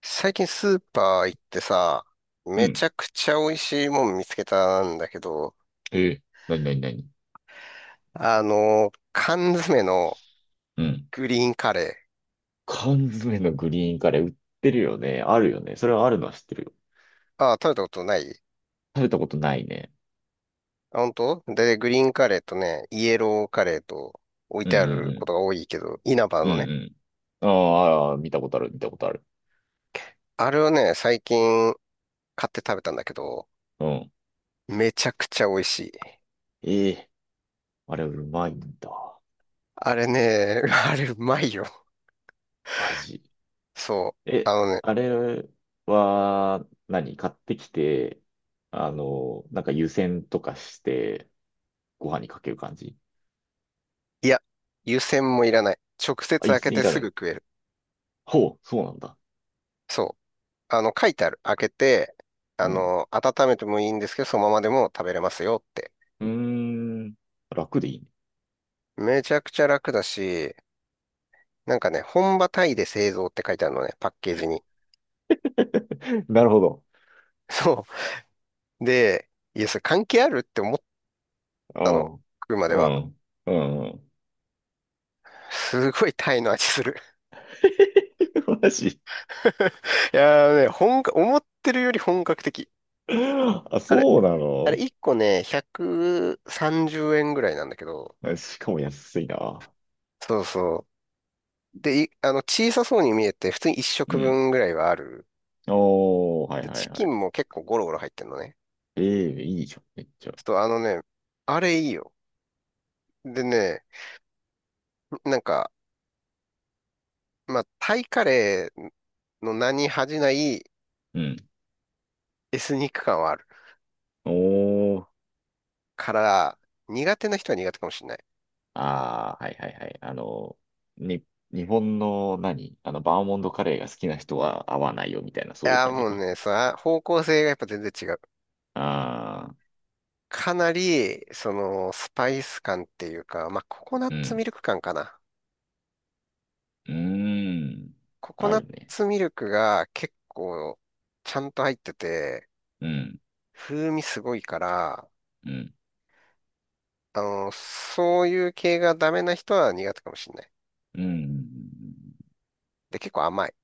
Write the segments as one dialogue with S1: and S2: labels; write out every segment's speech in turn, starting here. S1: 最近スーパー行ってさ、
S2: う
S1: めち
S2: ん。
S1: ゃくちゃ美味しいもん見つけたんだけど、
S2: えー、なになになに。
S1: 缶詰の
S2: うん。
S1: グリーンカレ
S2: 缶詰のグリーンカレー売ってるよね。あるよね。それはあるのは知ってるよ。
S1: ー。あ、食べたことない。
S2: 食べたことないね。
S1: あ、本当で、グリーンカレーとね、イエローカレーと置い
S2: うん
S1: て
S2: う
S1: あ
S2: ん
S1: る
S2: う
S1: ことが
S2: ん。
S1: 多いけど、稲葉
S2: う
S1: のね。
S2: んうん。ああ、あー見たことある、見たことある。
S1: あれをね、最近買って食べたんだけど、
S2: うん。
S1: めちゃくちゃ美味しい。
S2: ええ、あれうまいんだ。
S1: あれね、あれうまいよ。
S2: 味。
S1: そう。あ
S2: え、
S1: のね、
S2: あれは何、買ってきて、なんか湯煎とかして、ご飯にかける感じ？
S1: いや、湯煎もいらない。直接
S2: あ、湯
S1: 開け
S2: 煎
S1: て
S2: いら
S1: す
S2: ない
S1: ぐ
S2: の。
S1: 食える。
S2: ほう、そうなんだ。
S1: そう。書いてある。開けて、
S2: うん。
S1: 温めてもいいんですけど、そのままでも食べれますよって。
S2: うーん、楽でいいね。
S1: めちゃくちゃ楽だし、なんかね、本場タイで製造って書いてあるのね、パッケージに。
S2: なるほど。
S1: そう。で、いや、それ関係あるって思っ
S2: う
S1: たの。
S2: ん。
S1: 食うまで
S2: う
S1: は。
S2: ん。うん。
S1: すごいタイの味する。
S2: マジ。
S1: いやーね、思ってるより本格的。
S2: あ、
S1: あれ、
S2: そうな
S1: あれ、
S2: の？
S1: 1個ね、130円ぐらいなんだけど、
S2: あ、しかも安いな。
S1: そうそう。で、いあの、小さそうに見えて、普通に1
S2: う
S1: 食
S2: ん。
S1: 分ぐらいはある。
S2: おー、はい
S1: で、
S2: は
S1: チ
S2: いは
S1: キ
S2: い。
S1: ンも結構ゴロゴロ入ってんのね。
S2: ええ、いいじゃん、めっちゃ。
S1: ちょっとあれいいよ。でね、なんか、まあ、タイカレーの名に恥じない
S2: うん。
S1: エスニック感はある
S2: おー。
S1: から、苦手な人は苦手かもしれない。
S2: ああ、はいはいはい。に、日本の何あの、バーモントカレーが好きな人は合わないよ、みたいな、
S1: い
S2: そういう
S1: やー、
S2: 感じ
S1: もう
S2: か。
S1: ね、さ、方向性がやっぱ全然違う。
S2: ああ、
S1: かなり、スパイス感っていうか、まあ、ココナッ
S2: う
S1: ツミ
S2: ん。
S1: ルク感かな。
S2: うーん。
S1: ココ
S2: あ
S1: ナッ
S2: るね。
S1: ツミルクが結構、ちゃんと入ってて、
S2: うん。
S1: 風味すごいから、
S2: うん。
S1: そういう系がダメな人は苦手かもしれない。
S2: うん。
S1: で、結構甘い。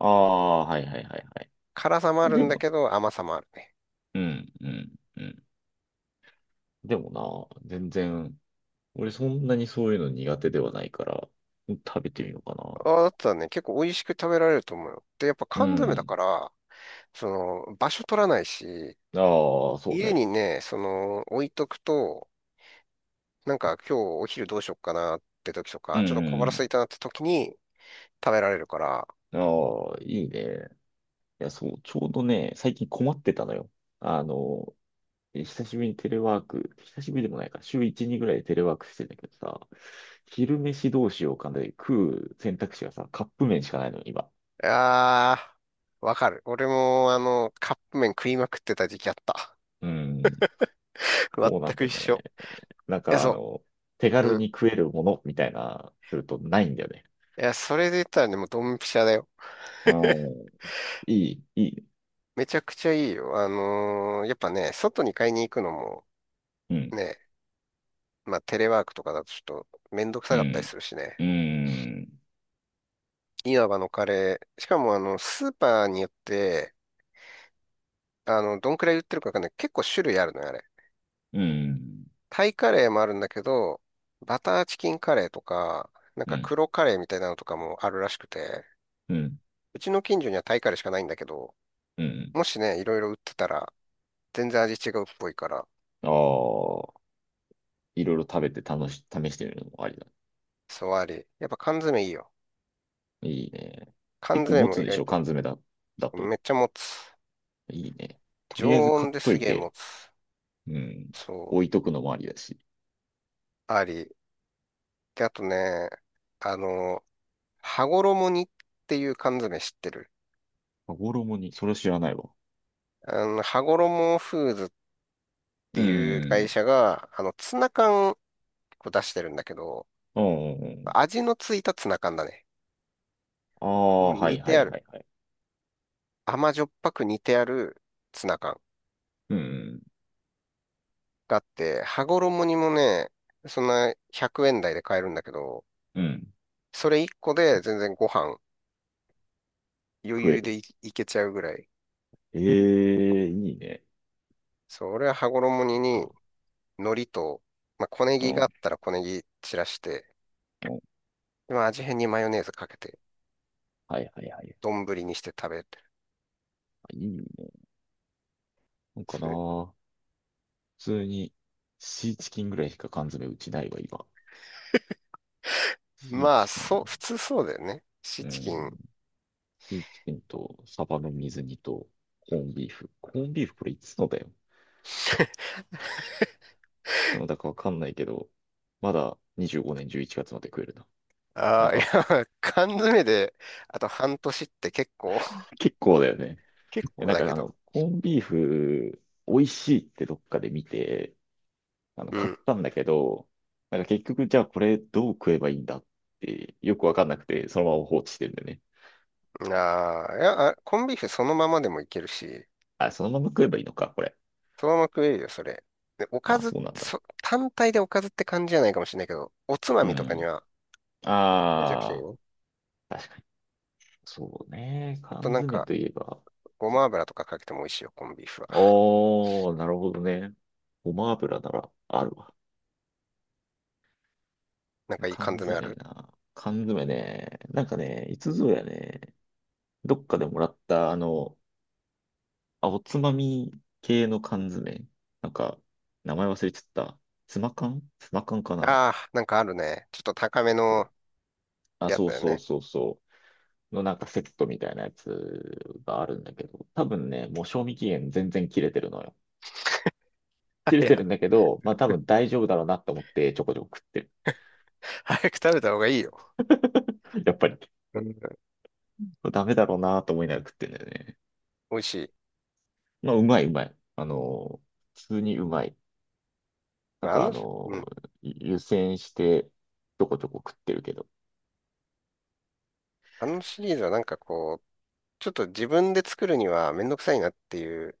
S2: ああ、はいはいはいはい。
S1: 辛さもある
S2: で
S1: んだ
S2: も、
S1: けど、甘さもあるね。
S2: うん、うん、うん。でもな、全然、俺そんなにそういうの苦手ではないから、食べてみようかな。
S1: あだったらね、結構美味しく食べられると思うよ。で、やっぱ
S2: う
S1: 缶詰だ
S2: ん。
S1: から、そ場所取らないし、
S2: ああ、そう
S1: 家
S2: ね。
S1: にね、置いとくと、なんか今日お昼どうしよっかなって時と
S2: う
S1: か、ちょっと小腹
S2: ん、
S1: 空いたなって時に食べられるから、
S2: うん。ああ、いいね。いや、そう、ちょうどね、最近困ってたのよ。あの、久しぶりにテレワーク、久しぶりでもないか、週1、2ぐらいでテレワークしてんだけどさ、昼飯どうしようかなで食う選択肢がさ、カップ麺しかないのよ、今。
S1: あー、わかる。俺もカップ麺食いまくってた時期あった。
S2: うん、そうな
S1: 全
S2: ん
S1: く
S2: だよ
S1: 一緒。
S2: ね。なん
S1: いや、
S2: かあ
S1: そ
S2: の、手
S1: う。
S2: 軽
S1: うん。
S2: に食えるものみたいな、するとないんだよね。
S1: いや、それで言ったらね、もうドンピシャだよ。
S2: うー、いい、いい。
S1: めちゃくちゃいいよ。やっぱね、外に買いに行くのも
S2: うん、
S1: ね、まあテレワークとかだとちょっとめんどく
S2: う
S1: さかったり
S2: ん、
S1: するしね。
S2: うん、
S1: いわばのカレー。しかもスーパーによって、どんくらい売ってるかわかんない。結構種類あるのよ、あれ。
S2: うん、
S1: タイカレーもあるんだけど、バターチキンカレーとか、なん
S2: う
S1: か
S2: ん、
S1: 黒カレーみたいなのとかもあるらしくて、
S2: うん、
S1: うちの近所にはタイカレーしかないんだけど、
S2: うん。
S1: もしね、いろいろ売ってたら、全然味違うっぽいから、
S2: ああ、いろいろ食べて楽し、試してみるのもありだ。
S1: そうあり。やっぱ缶詰いいよ。
S2: いいね。
S1: 関
S2: 結構
S1: 税
S2: 持
S1: も
S2: つ
S1: 意
S2: んでし
S1: 外
S2: ょ
S1: と
S2: 缶詰だ、だ
S1: め
S2: と。
S1: っちゃ持つ。
S2: いいね。と
S1: 常
S2: りあえず買
S1: 温
S2: っ
S1: で
S2: と
S1: す
S2: い
S1: げえ持
S2: て、
S1: つ。
S2: うん。
S1: そう、
S2: 置いとくのもありだし。
S1: あり。で、あとね、あの、羽衣にっていう缶詰知ってる？
S2: 羽衣に、それ知らないわ。
S1: 羽衣フーズって
S2: う
S1: いう会
S2: ん。
S1: 社が、ツナ缶を出してるんだけど、
S2: うん。
S1: 味のついたツナ缶だね。
S2: あ
S1: まあ
S2: あ、は
S1: 似
S2: いは
S1: てあ
S2: い
S1: る。
S2: はいはい。
S1: 甘じょっぱく似てあるツナ缶
S2: うん。
S1: があって、羽衣にもね、そんな100円台で買えるんだけど、
S2: うん。
S1: それ1個で全然ご飯余
S2: 食え
S1: 裕
S2: る。
S1: でいけちゃうぐらい。
S2: ええ、いいね。
S1: そう、俺は羽
S2: そ
S1: 衣
S2: っ
S1: に、
S2: か。
S1: 海苔と、まあ、小ネ
S2: う
S1: ギ
S2: ん。
S1: があ
S2: う
S1: ったら小ネギ散らして、
S2: ん。
S1: でまあ、味変にマヨネーズかけて、
S2: はいはいはい。
S1: 丼にして食べる。
S2: あ、いいね。なんかな、
S1: それ
S2: 普通にシーチキンぐらいしか缶詰うちないわ、今。シー
S1: まあ、
S2: チキン、
S1: そう、普通そうだよね。シー
S2: う
S1: チキン。
S2: ん、シーチキンとサバの水煮とコーンビーフ。コーンビーフこれいつのだよ。いつのだかわかんないけど、まだ25年11月まで食えるな。な
S1: あ
S2: ん
S1: あ、い
S2: か、
S1: や、缶詰で、あと半年って結構、
S2: 結構だよね。い
S1: 結
S2: や
S1: 構
S2: なん
S1: だ
S2: か
S1: け
S2: あ
S1: ど。
S2: の、コーンビーフ、美味しいってどっかで見て、あの、
S1: う
S2: 買っ
S1: ん。
S2: たんだけど、なんか結局、じゃあこれどう食えばいいんだって、よくわかんなくて、そのまま放置してるんだよね。
S1: ああ、いや、コンビーフそのままでもいけるし、
S2: あ、そのまま食えばいいのか、これ。
S1: そのまま食えるよ、それ。で、おか
S2: あ、
S1: ず、
S2: そうなんだ。
S1: 単体でおかずって感じじゃないかもしれないけど、おつま
S2: う
S1: みとかに
S2: ん。
S1: はめちゃくちゃいい
S2: あ
S1: ね。
S2: あ、確かに。そうね。
S1: あと
S2: 缶
S1: なん
S2: 詰
S1: か、
S2: といえば。
S1: ご
S2: そ
S1: ま油とかかけても美味しいよ、コンビーフは。
S2: おー、なるほどね。ごま油ならあるわ。
S1: なんかいい缶
S2: 缶
S1: 詰あ
S2: 詰
S1: る？
S2: な。缶詰ね。なんかね、いつぞやね、どっかでもらった、あの、あ、おつまみ系の缶詰。なんか、名前忘れちゃった。ツマ缶ツマ缶かな。
S1: ああー、なんかあるね。ちょっと高め
S2: そう、
S1: の
S2: あ、
S1: やつ
S2: そう
S1: だよ
S2: そう
S1: ね。
S2: そうそう。のなんかセットみたいなやつがあるんだけど、多分ね、もう賞味期限全然切れてるのよ。切
S1: い
S2: れて
S1: や、
S2: るんだけど、まあ多分大丈夫だろうなと思ってちょこちょこ食ってる。
S1: 早く食べた方がいいよ。
S2: やっぱり。
S1: うん。
S2: ダメだろうなと思いながら食ってんだよね。
S1: 美味しい？
S2: まあうまいうまい。あの、普通にうまい。な
S1: ま
S2: ん
S1: あ、
S2: かあ
S1: う
S2: の
S1: ん。
S2: 湯煎してちょこちょこ食ってるけど。
S1: あのシリーズはなんかこう、ちょっと自分で作るにはめんどくさいなっていう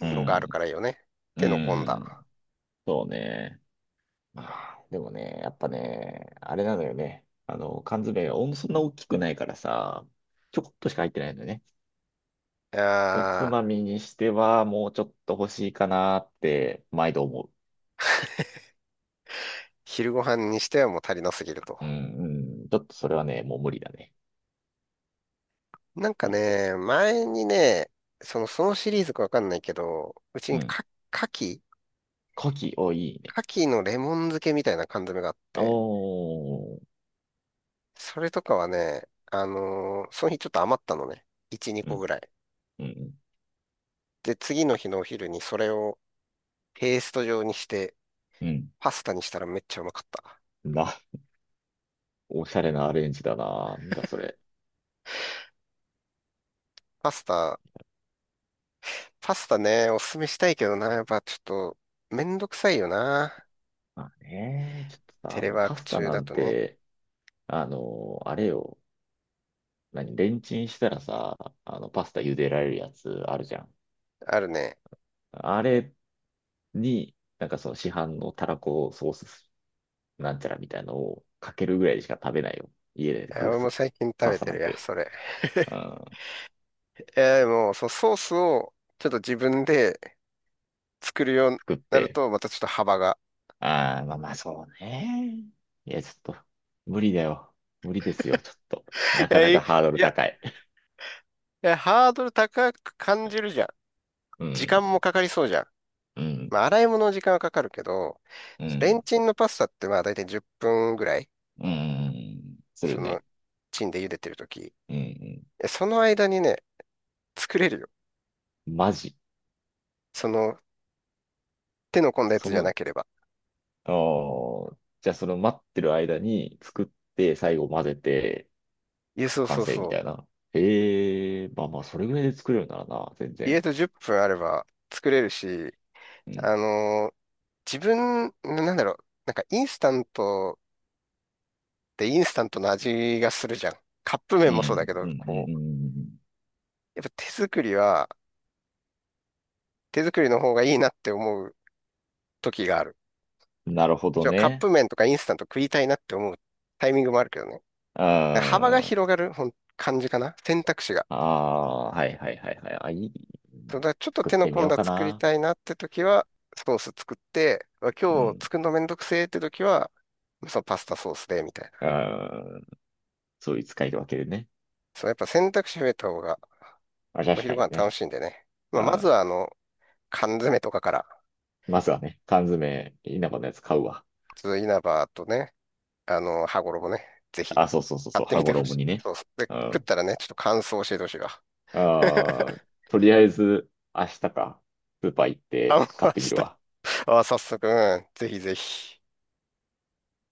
S2: う
S1: のがあるか
S2: ん。
S1: らいいよね。
S2: う
S1: 手の込んだ。
S2: ん。そうね。まあ、でもね、やっぱね、あれなのよね。あの、缶詰がそんな大きくないからさ、ちょこっとしか入ってないんだよね。
S1: い
S2: おつ
S1: や
S2: ま
S1: ー、
S2: みにしては、もうちょっと欲しいかなって、毎度思
S1: 昼ご飯にしてはもう足りなすぎると。
S2: う。うん、うん。ちょっとそれはね、もう無理だね。
S1: なんか
S2: ね、
S1: ね、前にね、そのシリーズかわかんないけど、うち
S2: う
S1: に
S2: ん。
S1: か、牡蠣
S2: 牡蠣、お、いいね。
S1: 牡蠣のレモン漬けみたいな缶詰があっ
S2: お
S1: て、
S2: ー。
S1: それとかはね、その日ちょっと余ったのね。1、2
S2: う
S1: 個
S2: ん、
S1: ぐらい。
S2: うん、
S1: で、次の日のお昼にそれをペースト状にして、
S2: うん。うん、
S1: パスタにしたらめっちゃうまかった。
S2: な、おしゃれなアレンジだな。なんだ、それ。
S1: パスタ、パスタね、おすすめしたいけどな、やっぱちょっと、めんどくさいよな。
S2: まあね、ちょっと
S1: テ
S2: さ、
S1: レ
S2: もう
S1: ワー
S2: パ
S1: ク
S2: スタ
S1: 中
S2: な
S1: だ
S2: ん
S1: とね。
S2: て、あの、あれよ。何、レンチンしたらさ、あの、パスタ茹でられるやつあるじゃん。
S1: あるね。
S2: あれに、なんかその市販のたらこソースなんちゃらみたいのをかけるぐらいしか食べないよ。家で
S1: い
S2: 食
S1: や
S2: う
S1: 俺も
S2: と。
S1: 最近食
S2: パ
S1: べ
S2: スタ
S1: て
S2: なん
S1: るや、
S2: て。
S1: それ。
S2: うん、
S1: いや、でも、そう、ソースをちょっと自分で作るように
S2: 作っ
S1: なる
S2: て。
S1: と、またちょっと幅が。
S2: ああ、まあまあそうね。いや、ちょっと、無理だよ。無理ですよ、ちょっと。な
S1: い
S2: か
S1: や
S2: な
S1: いい
S2: かハードル高い。
S1: やハードル高く感じるじゃん。
S2: う
S1: 時
S2: ん、
S1: 間もかかりそうじゃん。
S2: うん、
S1: まあ、洗い物の時間はかかるけど、
S2: う
S1: レン
S2: ん、
S1: チンのパスタってまあ、だいたい10分ぐらい、
S2: うん、する
S1: その、
S2: ね。
S1: チンで茹でてるとき。
S2: うん、う
S1: その間にね、作れるよ。
S2: ん、マジ。
S1: その、手の込んだや
S2: そ
S1: つじゃ
S2: の
S1: なければ。
S2: じゃあその待ってる間に作って最後混ぜて
S1: いや、そう
S2: 完
S1: そう
S2: 成
S1: そ
S2: み
S1: う。
S2: たいな。ええ、まあまあそれぐらいで作れるならな、全
S1: 家
S2: 然。
S1: と10分あれば作れるし、
S2: うん。
S1: あのーなんだろう、なんかインスタントってインスタントの味がするじゃん。カップ
S2: う
S1: 麺もそうだ
S2: ん。
S1: けど、
S2: うん。う
S1: こ
S2: ん。
S1: う、
S2: うん。
S1: やっぱ手作りの方がいいなって思う時がある。
S2: うん。なるほ
S1: もち
S2: ど
S1: ろんカッ
S2: ね。
S1: プ麺とかインスタント食いたいなって思うタイミングもあるけどね。幅が
S2: ああ、
S1: 広がるほん感じかな。選択肢が。
S2: ああ、はいはいはいはい。あ、いい。
S1: そうだからちょっと
S2: 作っ
S1: 手の
S2: てみ
S1: 込ん
S2: よう
S1: だ
S2: か
S1: 作り
S2: な。
S1: たいなって時は、ソース作って、うわ
S2: う
S1: 今日
S2: ん。
S1: 作るのめんどくせえって時は、そのパスタソースで、みたいな。
S2: うん。そういう使い分けでね。
S1: そう、やっぱ選択肢増えた方が
S2: あ、
S1: お
S2: 確
S1: 昼
S2: か
S1: ご
S2: に
S1: 飯楽
S2: ね。
S1: しいんでね。まあ、ま
S2: あ
S1: ず
S2: ー、
S1: は缶詰とかから、
S2: まずはね、缶詰、稲葉のやつ買うわ。
S1: ちょっと稲葉とね、羽衣ね、ぜひ
S2: あ、そうそうそう
S1: 買
S2: そ
S1: っ
S2: う、
S1: て
S2: 羽
S1: みてほ
S2: 衣
S1: しい。
S2: にね。
S1: そうそう。で、
S2: う
S1: 食っ
S2: ん。
S1: たらね、ちょっと感想教えてほしいわ。
S2: あ あ、とりあえず、明日か、スーパー行っ
S1: あ
S2: て
S1: ん
S2: 買っ
S1: ま
S2: てみ
S1: し
S2: る
S1: た。
S2: わ。
S1: あ、早速、うん、ぜひぜひ。